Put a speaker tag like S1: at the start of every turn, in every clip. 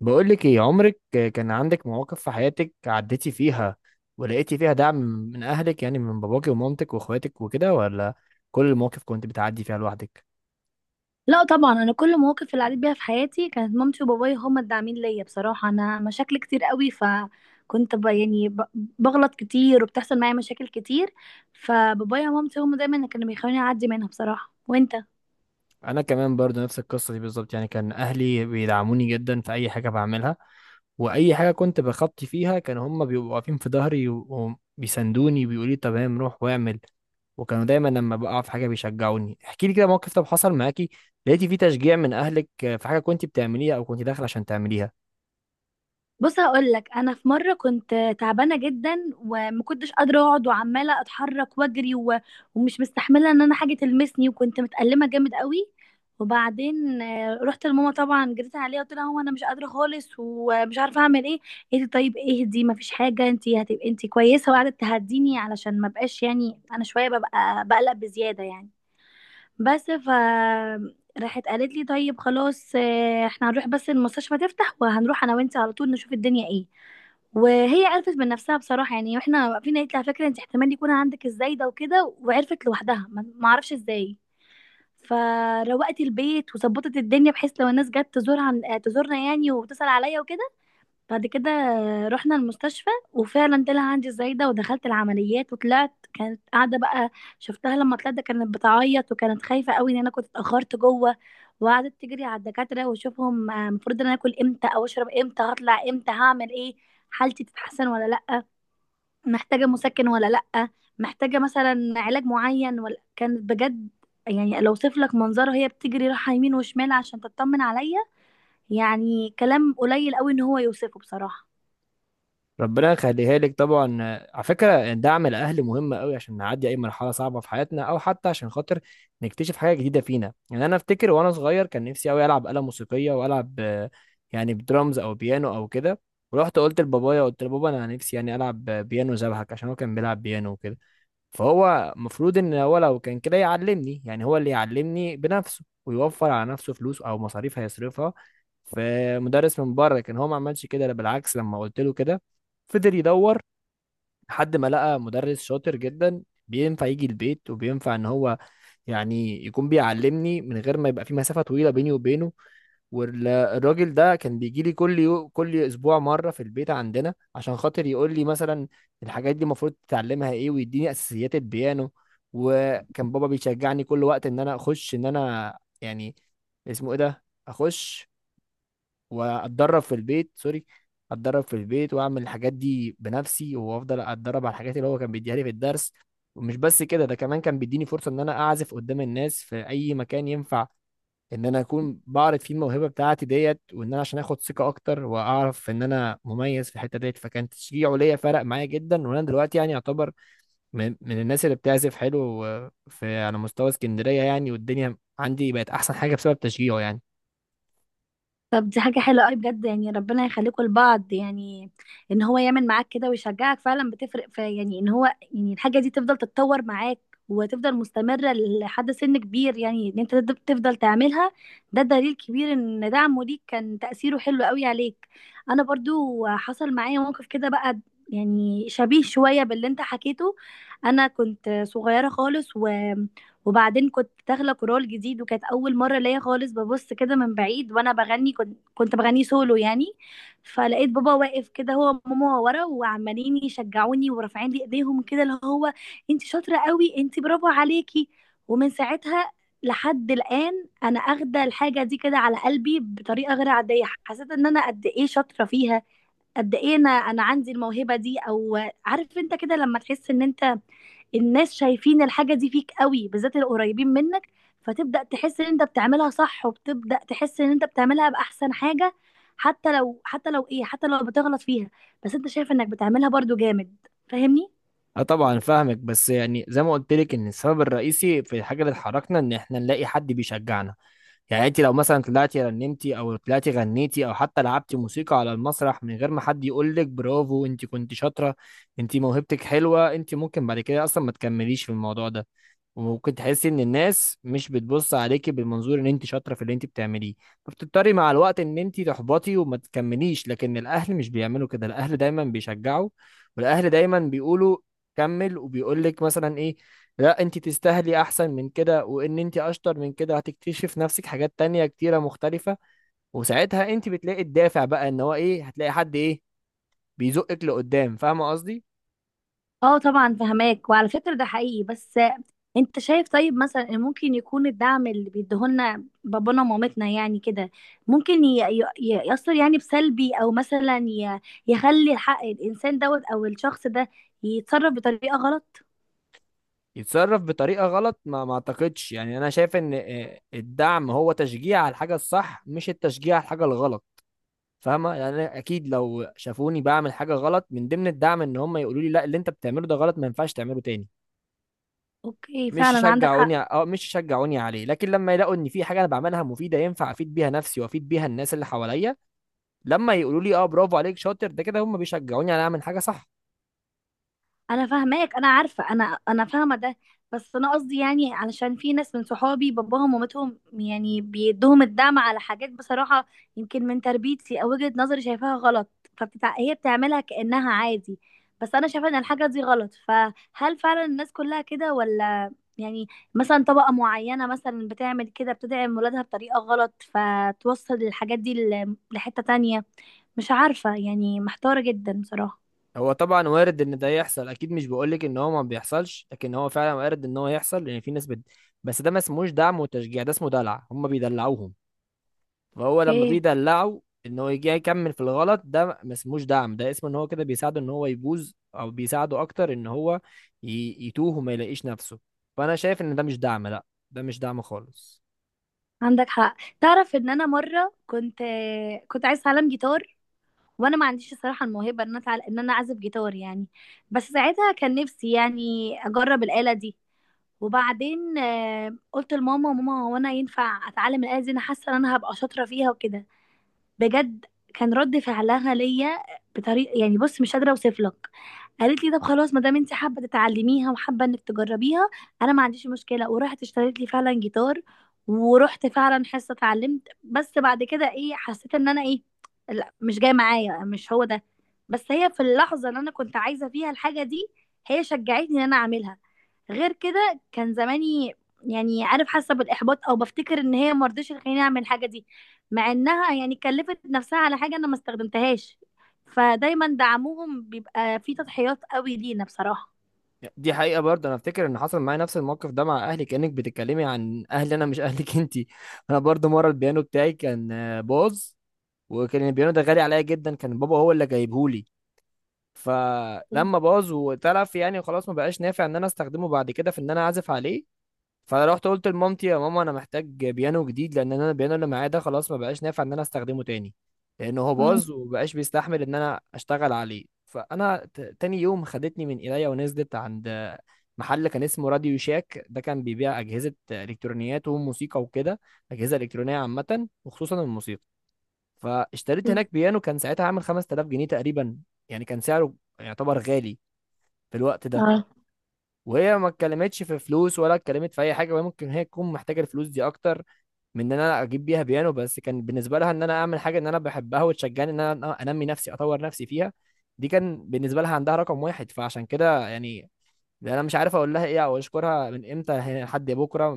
S1: بقولك ايه، عمرك كان عندك مواقف في حياتك عديتي فيها ولقيتي فيها دعم من اهلك، يعني من باباكي ومامتك واخواتك وكده، ولا كل المواقف كنت بتعدي فيها لوحدك؟
S2: لا طبعا، انا كل المواقف اللي عديت بيها في حياتي كانت مامتي وبابايا هما الداعمين ليا. بصراحه انا مشاكل كتير قوي، فكنت بغلط كتير وبتحصل معايا مشاكل كتير. فبابايا ومامتي هما دايما اللي كانوا بيخلوني اعدي منها بصراحه. وانت،
S1: انا كمان برضو نفس القصة دي بالظبط، يعني كان اهلي بيدعموني جدا في اي حاجة بعملها، واي حاجة كنت بخطي فيها كانوا هم بيبقوا واقفين في ظهري وبيسندوني وبيقولوا لي تمام روح واعمل. وكانوا دايما لما بقع في حاجه بيشجعوني. احكي لي كده موقف، طب حصل معاكي لقيتي فيه تشجيع من اهلك في حاجه كنت بتعمليها او كنت داخل عشان تعمليها؟
S2: بص هقول لك، انا في مره كنت تعبانه جدا وما كنتش قادره اقعد وعماله اتحرك واجري ومش مستحمله ان انا حاجه تلمسني وكنت متألمه جامد قوي. وبعدين رحت لماما طبعا، جريت عليها قلت لها هو انا مش قادره خالص ومش عارفه اعمل ايه. قالت لي طيب اهدي ما فيش حاجه، انت هتبقي انت كويسه. وقعدت تهديني علشان ما بقاش، يعني انا شويه ببقى بقلق بزياده يعني. بس ف راحت قالت لي طيب خلاص احنا هنروح بس المستشفى تفتح، وهنروح انا وانت على طول نشوف الدنيا ايه. وهي عرفت من نفسها بصراحه يعني، واحنا واقفين قالت لي على فكره انت احتمال يكون عندك الزايده وكده. وعرفت لوحدها، ما اعرفش ازاي. فروقت البيت وظبطت الدنيا بحيث لو الناس جت تزورها تزورنا يعني وتسال عليا وكده. بعد كده رحنا المستشفى وفعلا طلع عندي الزايدة ودخلت العمليات وطلعت. كانت قاعدة بقى، شفتها لما طلعت كانت بتعيط وكانت خايفة قوي ان انا كنت اتأخرت جوه. وقعدت تجري على الدكاترة واشوفهم المفروض ان انا اكل امتى او اشرب امتى، هطلع امتى، هعمل ايه، حالتي تتحسن ولا لأ، محتاجة مسكن ولا لأ، محتاجة مثلا علاج معين ولا. كانت بجد، يعني لو اوصف لك منظرها هي بتجري رايحة يمين وشمال عشان تطمن عليا. يعني كلام قليل قوي ان هو يوصفه بصراحة.
S1: ربنا يخليها لك طبعا. على فكره دعم الاهل مهم قوي عشان نعدي اي مرحله صعبه في حياتنا، او حتى عشان خاطر نكتشف حاجه جديده فينا. يعني انا افتكر وانا صغير كان نفسي قوي العب آلة موسيقيه والعب يعني بدرامز او بيانو او كده. ورحت قلت لبابايا، قلت لبابا انا نفسي يعني العب بيانو زبحك، عشان هو كان بيلعب بيانو وكده. فهو المفروض ان هو لو كان كده يعلمني، يعني هو اللي يعلمني بنفسه ويوفر على نفسه فلوس او مصاريف هيصرفها في مدرس من بره. كان هو ما عملش كده، لا بالعكس لما قلت له كده فضل يدور لحد ما لقى مدرس شاطر جدا بينفع يجي البيت وبينفع ان هو يعني يكون بيعلمني من غير ما يبقى في مسافة طويلة بيني وبينه. والراجل ده كان بيجي لي كل اسبوع مره في البيت عندنا عشان خاطر يقول لي مثلا الحاجات دي المفروض تتعلمها ايه ويديني اساسيات البيانو. وكان بابا بيشجعني كل وقت ان انا اخش، ان انا يعني اسمه ايه ده اخش واتدرب في البيت، سوري اتدرب في البيت واعمل الحاجات دي بنفسي وافضل اتدرب على الحاجات اللي هو كان بيديها لي في الدرس. ومش بس كده، ده كمان كان بيديني فرصه ان انا اعزف قدام الناس في اي مكان ينفع ان انا اكون بعرف فيه الموهبه بتاعتي ديت، وان انا عشان اخد ثقه اكتر واعرف ان انا مميز في الحته ديت. فكان تشجيعه ليا فرق معايا جدا، وانا دلوقتي يعني اعتبر من الناس اللي بتعزف حلو في على مستوى اسكندريه يعني، والدنيا عندي بقت احسن حاجه بسبب تشجيعه يعني.
S2: طب دي حاجة حلوة قوي بجد، يعني ربنا يخليكم لبعض يعني. ان هو يعمل معاك كده ويشجعك فعلا بتفرق، في يعني ان هو يعني الحاجة دي تفضل تتطور معاك وتفضل مستمرة لحد سن كبير، يعني ان انت تفضل تعملها. ده دليل كبير ان دعمه ليك كان تأثيره حلو قوي عليك. انا برضو حصل معايا موقف كده بقى، يعني شبيه شوية باللي انت حكيته. انا كنت صغيرة خالص، وبعدين كنت داخله كورال جديد وكانت اول مره ليا خالص. ببص كده من بعيد وانا بغني، كنت بغني سولو يعني. فلقيت بابا واقف كده هو وماما ورا وعمالين يشجعوني ورافعين لي ايديهم كده، اللي هو انت شاطره قوي، انت برافو عليكي. ومن ساعتها لحد الان انا اخده الحاجه دي كده على قلبي بطريقه غير عاديه. حسيت ان انا قد ايه شاطره فيها، قد ايه انا عندي الموهبه دي. او عارف انت كده لما تحس ان انت الناس شايفين الحاجه دي فيك قوي، بالذات القريبين منك. فتبدا تحس ان انت بتعملها صح، وبتبدا تحس ان انت بتعملها باحسن حاجه. حتى لو، حتى لو ايه حتى لو بتغلط فيها، بس انت شايف انك بتعملها برضو جامد. فاهمني؟
S1: اه طبعا فاهمك، بس يعني زي ما قلت لك ان السبب الرئيسي في الحاجه اللي اتحركنا ان احنا نلاقي حد بيشجعنا. يعني انت لو مثلا طلعتي رنمتي او طلعتي غنيتي او حتى لعبتي موسيقى على المسرح من غير ما حد يقول لك برافو انت كنت شاطره، انت موهبتك حلوه، انت ممكن بعد كده اصلا ما تكمليش في الموضوع ده، وممكن تحسي ان الناس مش بتبص عليكي بالمنظور ان انت شاطره في اللي انت بتعمليه. فبتضطري مع الوقت ان انت تحبطي وما تكمليش. لكن الاهل مش بيعملوا كده، الاهل دايما بيشجعوا، والاهل دايما بيقولوا كمل، وبيقول لك مثلا ايه، لا انت تستاهلي احسن من كده، وان انت اشطر من كده هتكتشف نفسك حاجات تانية كتيره مختلفه. وساعتها انت بتلاقي الدافع بقى ان هو ايه، هتلاقي حد ايه بيزقك لقدام. فاهمه قصدي؟
S2: اه طبعا فهماك. وعلى فكرة ده حقيقي. بس انت شايف طيب مثلا ان ممكن يكون الدعم اللي بيديهولنا بابانا ومامتنا يعني كده، ممكن يأثر يعني بسلبي، او مثلا يخلي الحق الانسان دوت او الشخص ده يتصرف بطريقة غلط.
S1: يتصرف بطريقة غلط؟ ما اعتقدش يعني، انا شايف ان الدعم هو تشجيع على الحاجة الصح، مش التشجيع على الحاجة الغلط. فاهمة يعني؟ أنا اكيد لو شافوني بعمل حاجة غلط من ضمن الدعم ان هم يقولوا لي لا اللي انت بتعمله ده غلط ما ينفعش تعمله تاني.
S2: اوكي
S1: مش
S2: فعلا عندك
S1: يشجعوني،
S2: حق.
S1: اه مش يشجعوني عليه. لكن لما يلاقوا ان في حاجة انا بعملها مفيدة ينفع افيد بيها نفسي وافيد بيها الناس اللي حواليا، لما يقولوا لي اه برافو عليك شاطر، ده كده هم بيشجعوني على اعمل حاجة صح.
S2: انا فاهماك، انا عارفه، انا فاهمه ده. بس انا قصدي يعني، علشان في ناس من صحابي باباهم ومامتهم يعني بيدوهم الدعم على حاجات بصراحه يمكن من تربيتي او وجهه نظري شايفاها غلط. هي بتعملها كانها عادي، بس انا شايفه ان الحاجه دي غلط. فهل فعلا الناس كلها كده ولا يعني مثلا طبقه معينه مثلا بتعمل كده، بتدعم ولادها بطريقه غلط فتوصل الحاجات دي لحته تانية؟ مش عارفه يعني، محتاره جدا بصراحه.
S1: هو طبعا وارد ان ده يحصل، اكيد مش بقولك ان هو ما بيحصلش، لكن هو فعلا وارد ان هو يحصل لان في ناس بس ده ما اسموش دعم وتشجيع، ده اسمه دلع، هم بيدلعوهم. فهو لما
S2: اوكي،
S1: بيدلعوا ان هو يجي يكمل في الغلط ده، ما اسموش دعم، ده اسمه ان هو كده بيساعده ان هو يبوظ، او بيساعده اكتر ان هو يتوه وما يلاقيش نفسه. فانا شايف ان ده مش دعم، لا ده مش دعم خالص.
S2: عندك حق. تعرف ان انا مره كنت، كنت عايز اتعلم جيتار، وانا ما عنديش الصراحه الموهبه ان انا ان انا اعزف جيتار يعني. بس ساعتها كان نفسي يعني اجرب الاله دي. وبعدين قلت لماما، ماما هو انا ينفع اتعلم الاله دي، انا حاسه ان انا هبقى شاطره فيها وكده؟ بجد كان رد فعلها ليا بطريقه يعني بص مش قادره اوصف لك. قالت لي طب خلاص ما دام انت حابه تتعلميها وحابه انك تجربيها انا ما عنديش مشكله. ورحت اشتريت لي فعلا جيتار، ورحت فعلا حصه اتعلمت. بس بعد كده ايه، حسيت ان انا ايه، لا مش جاي معايا، مش هو ده. بس هي في اللحظه اللي انا كنت عايزه فيها الحاجه دي هي شجعتني ان انا اعملها. غير كده كان زماني يعني، عارف، حاسه بالاحباط او بفتكر ان هي مرضتش تخليني اعمل الحاجه دي، مع انها يعني كلفت نفسها على حاجه انا ما استخدمتهاش. فدايما دعمهم بيبقى فيه تضحيات قوي لينا بصراحه.
S1: دي حقيقة برضه. انا افتكر ان حصل معايا نفس الموقف ده مع اهلي، كأنك بتتكلمي عن اهلي انا مش اهلك انتي انا برضه مرة البيانو بتاعي كان باظ، وكان البيانو ده غالي عليا جدا، كان بابا هو اللي جايبهولي. فلما باظ واتلف يعني خلاص ما بقاش نافع ان انا استخدمه بعد كده في ان انا اعزف عليه. فروحت قلت لمامتي يا ماما انا محتاج بيانو جديد، لان انا البيانو اللي معايا ده خلاص ما بقاش نافع ان انا استخدمه تاني، لان هو
S2: مم.
S1: باظ ومبقاش بيستحمل ان انا اشتغل عليه. فانا تاني يوم خدتني من ايديا ونزلت عند محل كان اسمه راديو شاك، ده كان بيبيع اجهزه الكترونيات وموسيقى وكده، اجهزه الكترونيه عامه وخصوصا الموسيقى. فاشتريت هناك بيانو كان ساعتها عامل 5000 جنيه تقريبا، يعني كان سعره يعتبر غالي في الوقت ده.
S2: اه.
S1: وهي ما اتكلمتش في فلوس ولا اتكلمت في اي حاجه، وهي ممكن هي تكون محتاجه الفلوس دي اكتر من ان انا اجيب بيها بيانو، بس كان بالنسبه لها ان انا اعمل حاجه ان انا بحبها وتشجعني ان انا انمي نفسي اطور نفسي فيها، دي كان بالنسبه لها عندها رقم واحد. فعشان كده يعني انا مش عارف اقول لها ايه او اشكرها من امتى لحد بكره،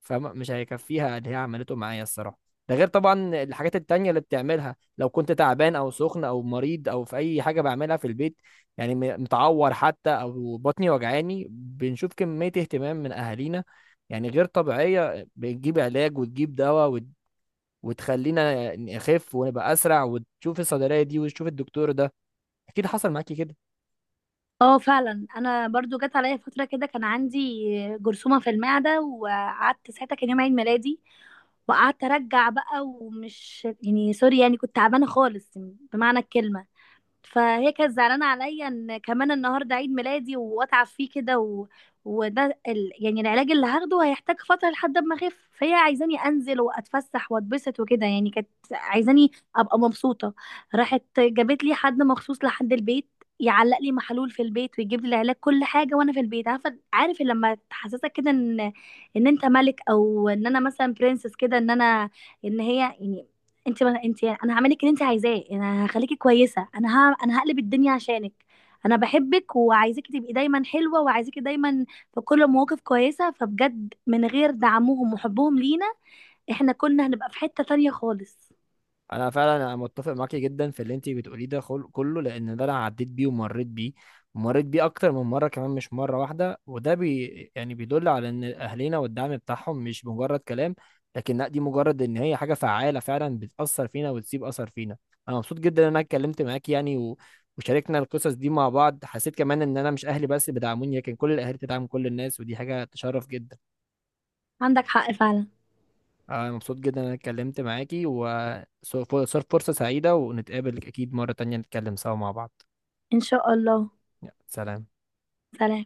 S1: فمش هيكفيها اللي هي عملته معايا الصراحة. ده غير طبعا الحاجات التانية اللي بتعملها لو كنت تعبان أو سخن أو مريض أو في أي حاجة بعملها في البيت، يعني متعور حتى أو بطني وجعاني، بنشوف كمية اهتمام من أهالينا يعني غير طبيعية. بتجيب علاج وتجيب دواء وتخلينا نخف ونبقى أسرع، وتشوف الصيدلية دي وتشوف الدكتور ده. أكيد حصل معاكي كده.
S2: اه فعلا انا برضو جت عليا فتره كده، كان عندي جرثومه في المعده. وقعدت ساعتها كان يوم عيد ميلادي، وقعدت ارجع بقى ومش يعني سوري، يعني كنت تعبانه خالص بمعنى الكلمه. فهي كانت زعلانه عليا ان كمان النهارده عيد ميلادي واتعب فيه كده يعني العلاج اللي هاخده هيحتاج فتره لحد ما اخف، فهي عايزاني انزل واتفسح واتبسط وكده. يعني كانت عايزاني ابقى مبسوطه. راحت جابت لي حد مخصوص لحد البيت يعلق لي محلول في البيت ويجيب لي العلاج كل حاجه وانا في البيت. عارفه عارف لما تحسسك كده ان انت ملك، او ان انا مثلا برنسس كده، ان انا ان هي يعني انت، ما انت يعني انا هعملك اللي انت عايزاه، انا هخليكي كويسه، انا هقلب الدنيا عشانك، انا بحبك وعايزاكي تبقي دايما حلوه وعايزاكي دايما في كل المواقف كويسه. فبجد من غير دعمهم وحبهم لينا، احنا كنا هنبقى في حته تانية خالص.
S1: انا فعلا انا متفق معاكي جدا في اللي انت بتقوليه ده كله، لان ده انا عديت بيه ومريت بيه، ومريت بيه اكتر من مره كمان مش مره واحده. وده يعني بيدل على ان اهلنا والدعم بتاعهم مش مجرد كلام، لكن لا دي مجرد ان هي حاجه فعاله فعلا بتاثر فينا وتسيب اثر فينا. انا مبسوط جدا ان انا اتكلمت معاكي وشاركنا القصص دي مع بعض. حسيت كمان ان انا مش اهلي بس اللي بيدعموني، لكن كل الاهالي بتدعم كل الناس، ودي حاجه تشرف جدا.
S2: عندك حق فعلا.
S1: انا مبسوط جدا ان انا اتكلمت معاكي وصار فرصة سعيدة، ونتقابل اكيد مرة تانية نتكلم سوا مع بعض.
S2: ان شاء الله.
S1: يلا، سلام.
S2: سلام.